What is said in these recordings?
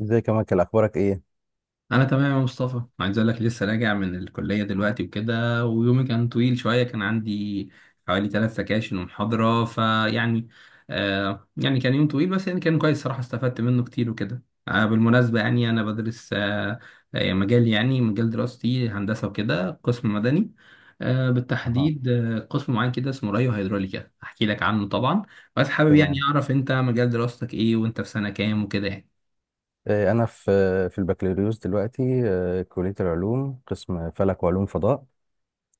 ازيك يا مايكل اخبارك ايه؟ انا تمام يا مصطفى، عايز اقول لك لسه راجع من الكليه دلوقتي وكده. ويومي كان طويل شويه، كان عندي حوالي ثلاث سكاشن ومحاضره. فيعني يعني كان يوم طويل، بس يعني كان كويس صراحه، استفدت منه كتير وكده. بالمناسبه يعني انا بدرس مجال، يعني مجال دراستي هندسه وكده، قسم مدني. اها. بالتحديد قسم معين كده اسمه ريو هيدروليكا، احكي لك عنه طبعا. بس حابب يعني تمام. اعرف انت مجال دراستك ايه، وانت في سنه كام وكده يعني. انا في في البكالوريوس دلوقتي. كلية العلوم، قسم فلك وعلوم فضاء.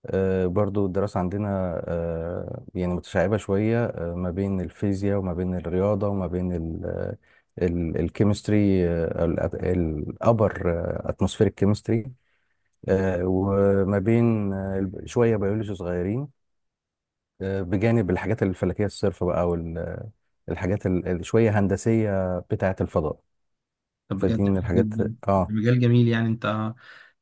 برضو الدراسة عندنا يعني متشعبة شوية، ما بين الفيزياء وما بين الرياضة وما بين الكيمستري، آه، ال- الابر اتموسفيريك كيمستري، وما بين شوية بيولوجي صغيرين، بجانب الحاجات الفلكية الصرفة بقى، والحاجات شوية هندسية بتاعة الفضاء. طب فدي بجد من حلو الحاجات. جدا، اه. مجال جميل. يعني انت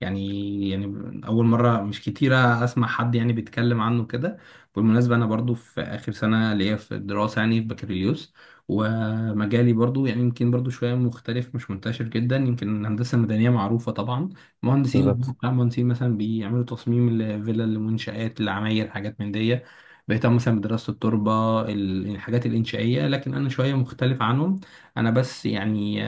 يعني اول مره، مش كتيره اسمع حد يعني بيتكلم عنه كده. بالمناسبه انا برضو في اخر سنه ليا في الدراسه، يعني في بكالوريوس. ومجالي برضو يعني يمكن برضو شويه مختلف، مش منتشر جدا. يمكن الهندسه المدنيه معروفه طبعا، مهندسين بالظبط. مهندسين مثلا بيعملوا تصميم الفلل، المنشآت، العماير، حاجات من دي. بيهتموا مثلا بدراسه التربه، الحاجات الانشائيه. لكن انا شويه مختلف عنهم. انا بس يعني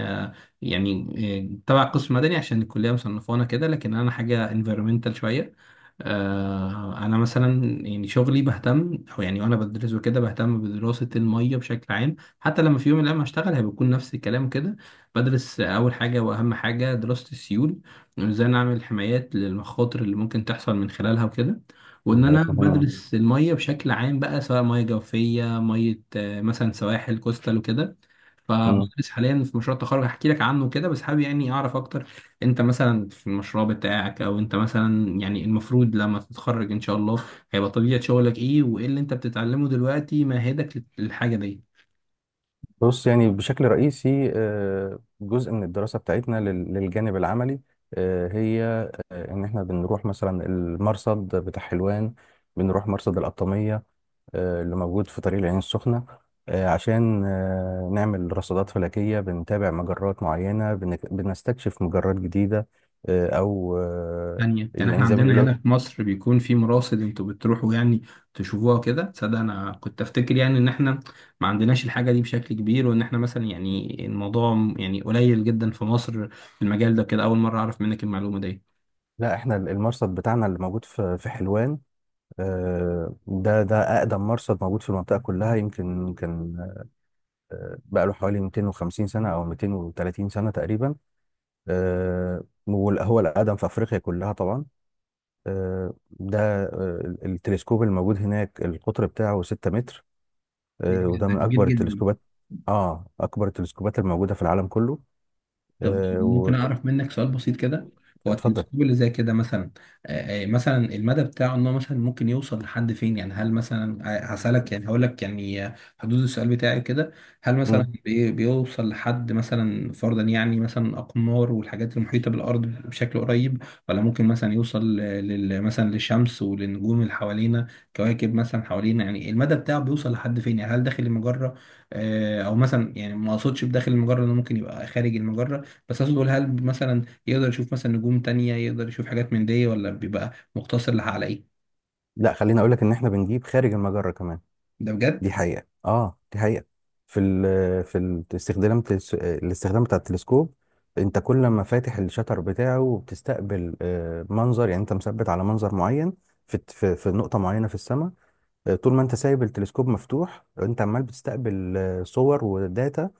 يعني تبع قسم مدني عشان الكلية مصنفانا كده، لكن أنا حاجة environmental شوية. أنا مثلا يعني شغلي بهتم، أو يعني وأنا بدرس وكده بهتم بدراسة المية بشكل عام. حتى لما في يوم من الأيام هشتغل هيكون نفس الكلام كده. بدرس أول حاجة وأهم حاجة دراسة السيول، وإزاي نعمل حمايات للمخاطر اللي ممكن تحصل من خلالها وكده. دي وان انا حاجات مهمة. بدرس الميه بشكل عام بقى، سواء ميه جوفيه، ميه مثلا سواحل كوستال وكده. مم. فبدرس حاليا في مشروع التخرج، هحكي لك عنه كده. بس حابب يعني اعرف اكتر، انت مثلا في المشروع بتاعك، او انت مثلا يعني المفروض لما تتخرج ان شاء الله هيبقى طبيعة شغلك ايه، وايه اللي انت بتتعلمه دلوقتي مهدك للحاجة دي. بص، يعني بشكل رئيسي جزء من الدراسة بتاعتنا للجانب العملي، آه، هي آه، ان احنا بنروح مثلا المرصد بتاع حلوان، بنروح مرصد القطامية اللي موجود في طريق العين السخنة، عشان نعمل رصادات فلكية، بنتابع مجرات معينة، بنستكشف مجرات جديدة آه، او آه، تانية يعني احنا يعني زي ما عندنا بيقولوا. هنا في مصر بيكون في مراصد انتوا بتروحوا يعني تشوفوها كده؟ تصدق انا كنت افتكر يعني ان احنا ما عندناش الحاجة دي بشكل كبير، وان احنا مثلا يعني الموضوع يعني قليل جدا في مصر في المجال ده كده. اول مرة اعرف منك المعلومة دي. لا، احنا المرصد بتاعنا اللي موجود في حلوان، ده أقدم مرصد موجود في المنطقة كلها، يمكن كان بقى له حوالي 250 سنة أو 230 سنة تقريبا. هو الأقدم في أفريقيا كلها طبعا. آه، ده آه، التلسكوب الموجود هناك القطر بتاعه 6 متر، وده ده من كبير أكبر جدا. التلسكوبات. آه، أكبر التلسكوبات الموجودة في العالم كله. طب آه، ممكن وت- اعرف منك سؤال بسيط كده؟ هو اتفضل. التلسكوب اللي زي كده مثلا مثلا المدى بتاعه، ان هو مثلا ممكن يوصل لحد فين؟ يعني هل مثلا هسألك، يعني هقول لك يعني حدود السؤال بتاعي كده، هل مم. مثلا بيوصل لحد مثلا، فرضا يعني مثلا اقمار والحاجات المحيطة بالارض بشكل قريب، ولا ممكن مثلا يوصل مثلا للشمس وللنجوم اللي حوالينا، كواكب مثلا حوالينا؟ يعني المدى بتاعه بيوصل لحد فين؟ يعني هل داخل المجرة، او مثلا، يعني ما اقصدش بداخل المجرة، انه ممكن يبقى خارج المجرة؟ بس عايز اقول هل مثلا يقدر يشوف مثلا نجوم تانية، يقدر يشوف حاجات من دي، ولا بيبقى مقتصر على ايه؟ لا، خليني أقول لك إن إحنا بنجيب خارج المجرة كمان. ده بجد. دي حقيقة، اه دي حقيقة. في ال في الاستخدام بتاع التلسكوب، انت كل ما فاتح الشتر بتاعه وبتستقبل منظر، يعني انت مثبت على منظر معين في نقطة معينة في السماء. طول ما انت سايب التلسكوب مفتوح، انت عمال بتستقبل صور وداتا،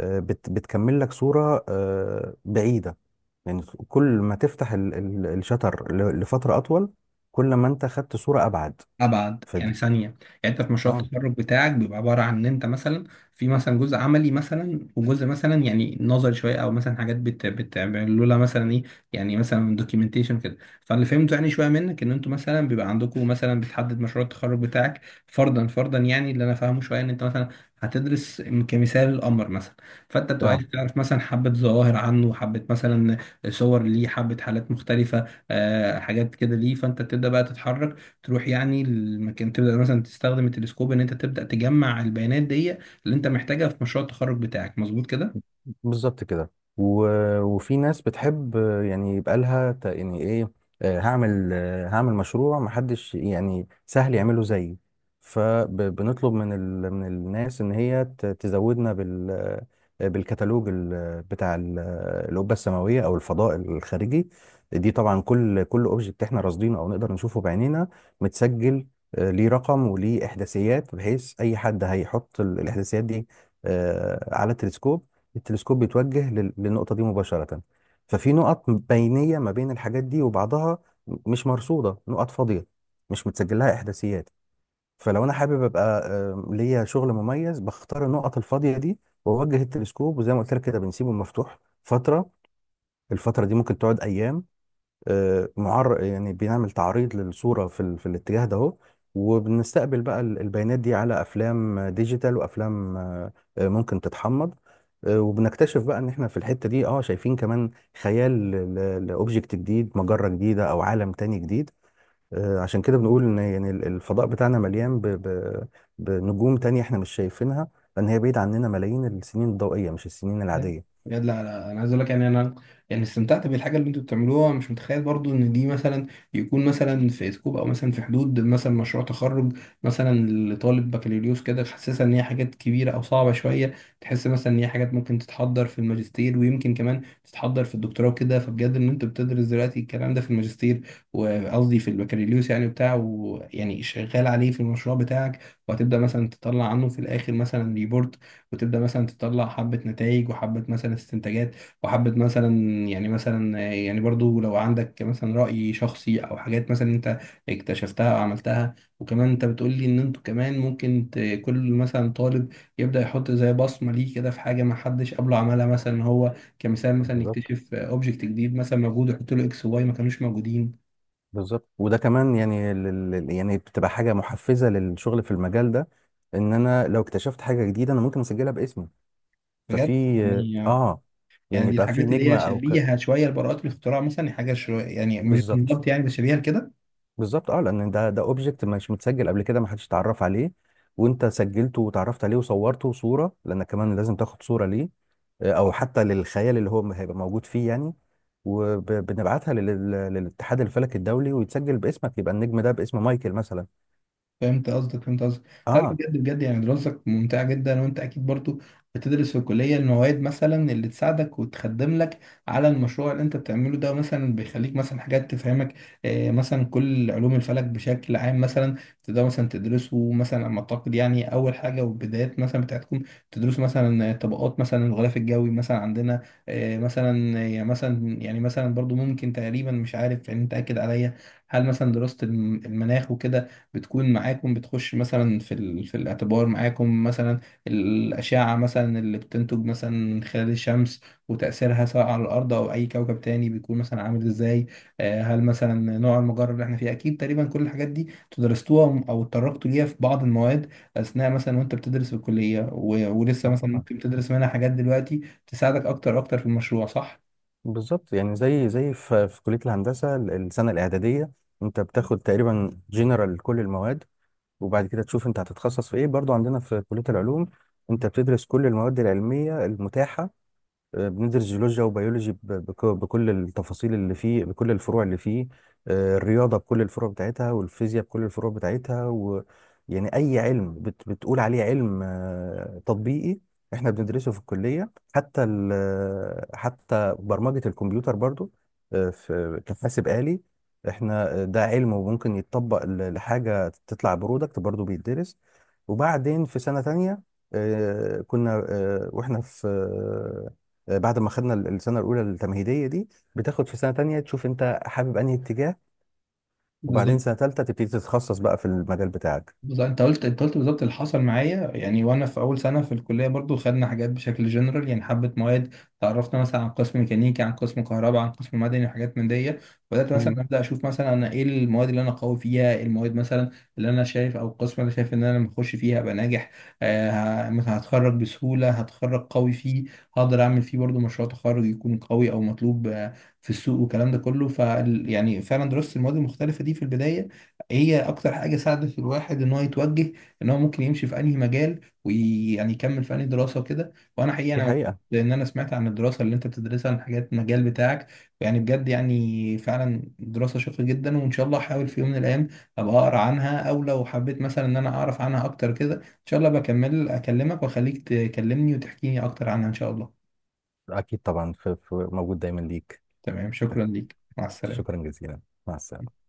آه، بت بتكمل لك صورة بعيدة يعني. كل ما تفتح الشتر لفترة أطول، كل ما انت خدت صورة أبعد. ابعد يعني فدي. ثانيه. يعني انت في مشروع اه. التخرج بتاعك بيبقى عباره عن ان انت مثلا في مثلا جزء عملي مثلا، وجزء مثلا يعني نظري شويه، او مثلا حاجات بتعملوا لها مثلا ايه، يعني مثلا دوكيومنتيشن كده؟ فاللي فهمته يعني شويه منك، ان انتوا مثلا بيبقى عندكم مثلا بتحدد مشروع التخرج بتاعك. فرضا يعني اللي انا فاهمه شويه ان انت مثلا هتدرس كمثال القمر مثلا، فانت بتبقى اه عايز تعرف مثلا حبه ظواهر عنه، حبه مثلا صور ليه، حبه حالات مختلفه، حاجات كده ليه. فانت تبدا بقى تتحرك، تروح يعني المكان، تبدا مثلا تستخدم التلسكوب، ان انت تبدا تجمع البيانات دي اللي انت محتاجها في مشروع التخرج بتاعك، مظبوط كده؟ بالظبط كده. و... وفي ناس بتحب يعني يبقى لها يعني ايه، هعمل مشروع محدش يعني سهل يعمله زيي. فبنطلب من من الناس ان هي تزودنا بالكتالوج بتاع القبه السماويه او الفضاء الخارجي. دي طبعا كل اوبجكت احنا راصدينه او نقدر نشوفه بعينينا متسجل ليه رقم وليه احداثيات، بحيث اي حد هيحط الاحداثيات دي على التلسكوب، التلسكوب بيتوجه للنقطة دي مباشرة. ففي نقط بينية ما بين الحاجات دي وبعضها مش مرصودة، نقط فاضية مش متسجل لها إحداثيات. فلو أنا حابب أبقى ليا شغل مميز، بختار النقط الفاضية دي وأوجه التلسكوب، وزي ما قلت لك كده بنسيبه مفتوح فترة. الفترة دي ممكن تقعد أيام. آه، معر يعني بنعمل تعريض للصورة في, ال... في الاتجاه ده اهو. وبنستقبل بقى البيانات دي على افلام ديجيتال وافلام ممكن تتحمض، وبنكتشف بقى ان احنا في الحتة دي اه شايفين كمان خيال لاوبجكت جديد، مجرة جديدة او عالم تاني جديد. عشان كده بنقول ان يعني الفضاء بتاعنا مليان بنجوم تانية احنا مش شايفينها، لان هي بعيد عننا ملايين السنين الضوئية مش السنين بجد. العادية. بجد، لا لا، انا عايز اقول لك يعني انا يعني استمتعت بالحاجه اللي انتوا بتعملوها. مش متخيل برضو ان دي مثلا يكون مثلا في سكوب، او مثلا في حدود مثلا مشروع تخرج مثلا لطالب بكالوريوس كده. تحسسها ان هي حاجات كبيره او صعبه شويه، تحس مثلا ان هي حاجات ممكن تتحضر في الماجستير، ويمكن كمان تتحضر في الدكتوراه وكده. فبجد ان انتوا بتدرس دلوقتي الكلام ده في الماجستير، وقصدي في البكالوريوس يعني بتاعه، ويعني شغال عليه في المشروع بتاعك. وهتبدا مثلا تطلع عنه في الاخر مثلا ريبورت، وتبدا مثلا تطلع حبه نتائج، وحبه مثلا استنتاجات، وحبه مثلا يعني مثلا، يعني برضو لو عندك مثلا راي شخصي، او حاجات مثلا انت اكتشفتها او عملتها. وكمان انت بتقول لي ان انتوا كمان ممكن كل مثلا طالب يبدا يحط زي بصمه ليه كده في حاجه ما حدش قبله عملها، مثلا هو كمثال مثلا بالظبط. يكتشف اوبجكت جديد مثلا موجود، ويحط له اكس واي، ما كانوش موجودين. بالظبط. وده كمان يعني يعني بتبقى حاجه محفزه للشغل في المجال ده، ان انا لو اكتشفت حاجه جديده انا ممكن اسجلها باسمي. ففي بجد. يعني اه، يعني دي يبقى في الحاجات اللي نجمه هي او شبيهه شويه لبراءات الاختراع مثلا، يعني حاجه شويه يعني مش بالظبط. بالظبط يعني، بس شبيهه لكده. بالظبط اه، لان ده اوبجكت مش متسجل قبل كده، ما حدش اتعرف عليه، وانت سجلته وتعرفت عليه وصورته صوره، لانك كمان لازم تاخد صوره ليه او حتى للخيال اللي هو هيبقى موجود فيه يعني. وبنبعتها للاتحاد الفلكي الدولي ويتسجل باسمك، يبقى النجم ده باسم مايكل مثلا. فهمت قصدك، فهمت قصدك. لا لا، اه. بجد بجد يعني دراستك ممتعة جدا. وانت اكيد برضو بتدرس في الكلية المواد مثلا اللي تساعدك وتخدم لك على المشروع اللي انت بتعمله ده، مثلا بيخليك مثلا حاجات تفهمك مثلا كل علوم الفلك بشكل عام مثلا. تقدر مثلا تدرسه مثلا، على ما اعتقد يعني، اول حاجة والبدايات مثلا بتاعتكم تدرسوا مثلا طبقات مثلا الغلاف الجوي مثلا عندنا. مثلا يعني مثلا يعني مثلا برضو ممكن تقريبا، مش عارف يعني انت اكد عليا، هل مثلا دراسة المناخ وكده بتكون معاكم، بتخش مثلا في الاعتبار معاكم مثلا الأشعة مثلا اللي بتنتج مثلا من خلال الشمس، وتأثيرها سواء على الأرض أو أي كوكب تاني بيكون مثلا عامل إزاي. هل مثلا نوع المجرة اللي احنا فيه، أكيد تقريبا كل الحاجات دي تدرستوها أو اتطرقتوا ليها في بعض المواد أثناء مثلا وأنت بتدرس في الكلية. ولسه اه مثلا طبعا. ممكن تدرس منها حاجات دلوقتي تساعدك أكتر أكتر في المشروع، صح؟ بالظبط، يعني زي زي في في كلية الهندسة السنة الإعدادية أنت بتاخد تقريبا جنرال كل المواد، وبعد كده تشوف أنت هتتخصص في إيه. برضو عندنا في كلية العلوم أنت بتدرس كل المواد العلمية المتاحة. بندرس جيولوجيا وبيولوجي بكل التفاصيل اللي فيه، بكل الفروع اللي فيه، الرياضة بكل الفروع بتاعتها، والفيزياء بكل الفروع بتاعتها، و يعني أي علم بتقول عليه علم تطبيقي احنا بندرسه في الكلية. حتى برمجة الكمبيوتر برضو، في كحاسب آلي، احنا ده علم وممكن يتطبق لحاجة تطلع برودكت برضو بيتدرس. وبعدين في سنة تانية آه، كنا آه، واحنا في آه، بعد ما خدنا السنه الاولى التمهيديه دي، بتاخد في سنه تانية تشوف انت حابب انهي اتجاه، بالظبط. وبعدين سنه تالتة تبتدي تتخصص بقى في المجال بتاعك. بالظبط انت قلت بالظبط اللي حصل معايا. يعني وانا في اول سنه في الكليه برضو خدنا حاجات بشكل جنرال، يعني حبه مواد تعرفنا مثلا عن قسم ميكانيكي، عن قسم كهرباء، عن قسم مدني، وحاجات من دي. بدات مثلا مهم. ابدا اشوف مثلا انا ايه المواد اللي انا قوي فيها، إيه المواد مثلا اللي انا شايف، او القسم اللي أنا شايف ان انا لما اخش فيها ابقى ناجح. مثلا هتخرج بسهوله، هتخرج قوي فيه، هقدر اعمل فيه برضو مشروع تخرج يكون قوي او مطلوب في السوق، والكلام ده كله. ف يعني فعلا درست المواد المختلفه دي في البدايه، هي اكتر حاجه ساعدت في الواحد ان هو يتوجه، ان هو ممكن يمشي في انهي مجال، ويعني يكمل في انهي دراسه وكده. وانا حقيقه دي انا مبسوط حقيقه. لان انا سمعت عن الدراسه اللي انت بتدرسها، عن حاجات المجال بتاعك. يعني بجد يعني فعلا دراسه شيقه جدا. وان شاء الله احاول في يوم من الايام ابقى اقرا عنها، او لو حبيت مثلا ان انا اعرف عنها اكتر كده، ان شاء الله بكمل اكلمك واخليك تكلمني وتحكيني اكتر عنها ان شاء الله. اكيد طبعا، موجود دايما ليك. تمام، شكرا ليك، مع السلامه. شكرا جزيلا. مع السلامه.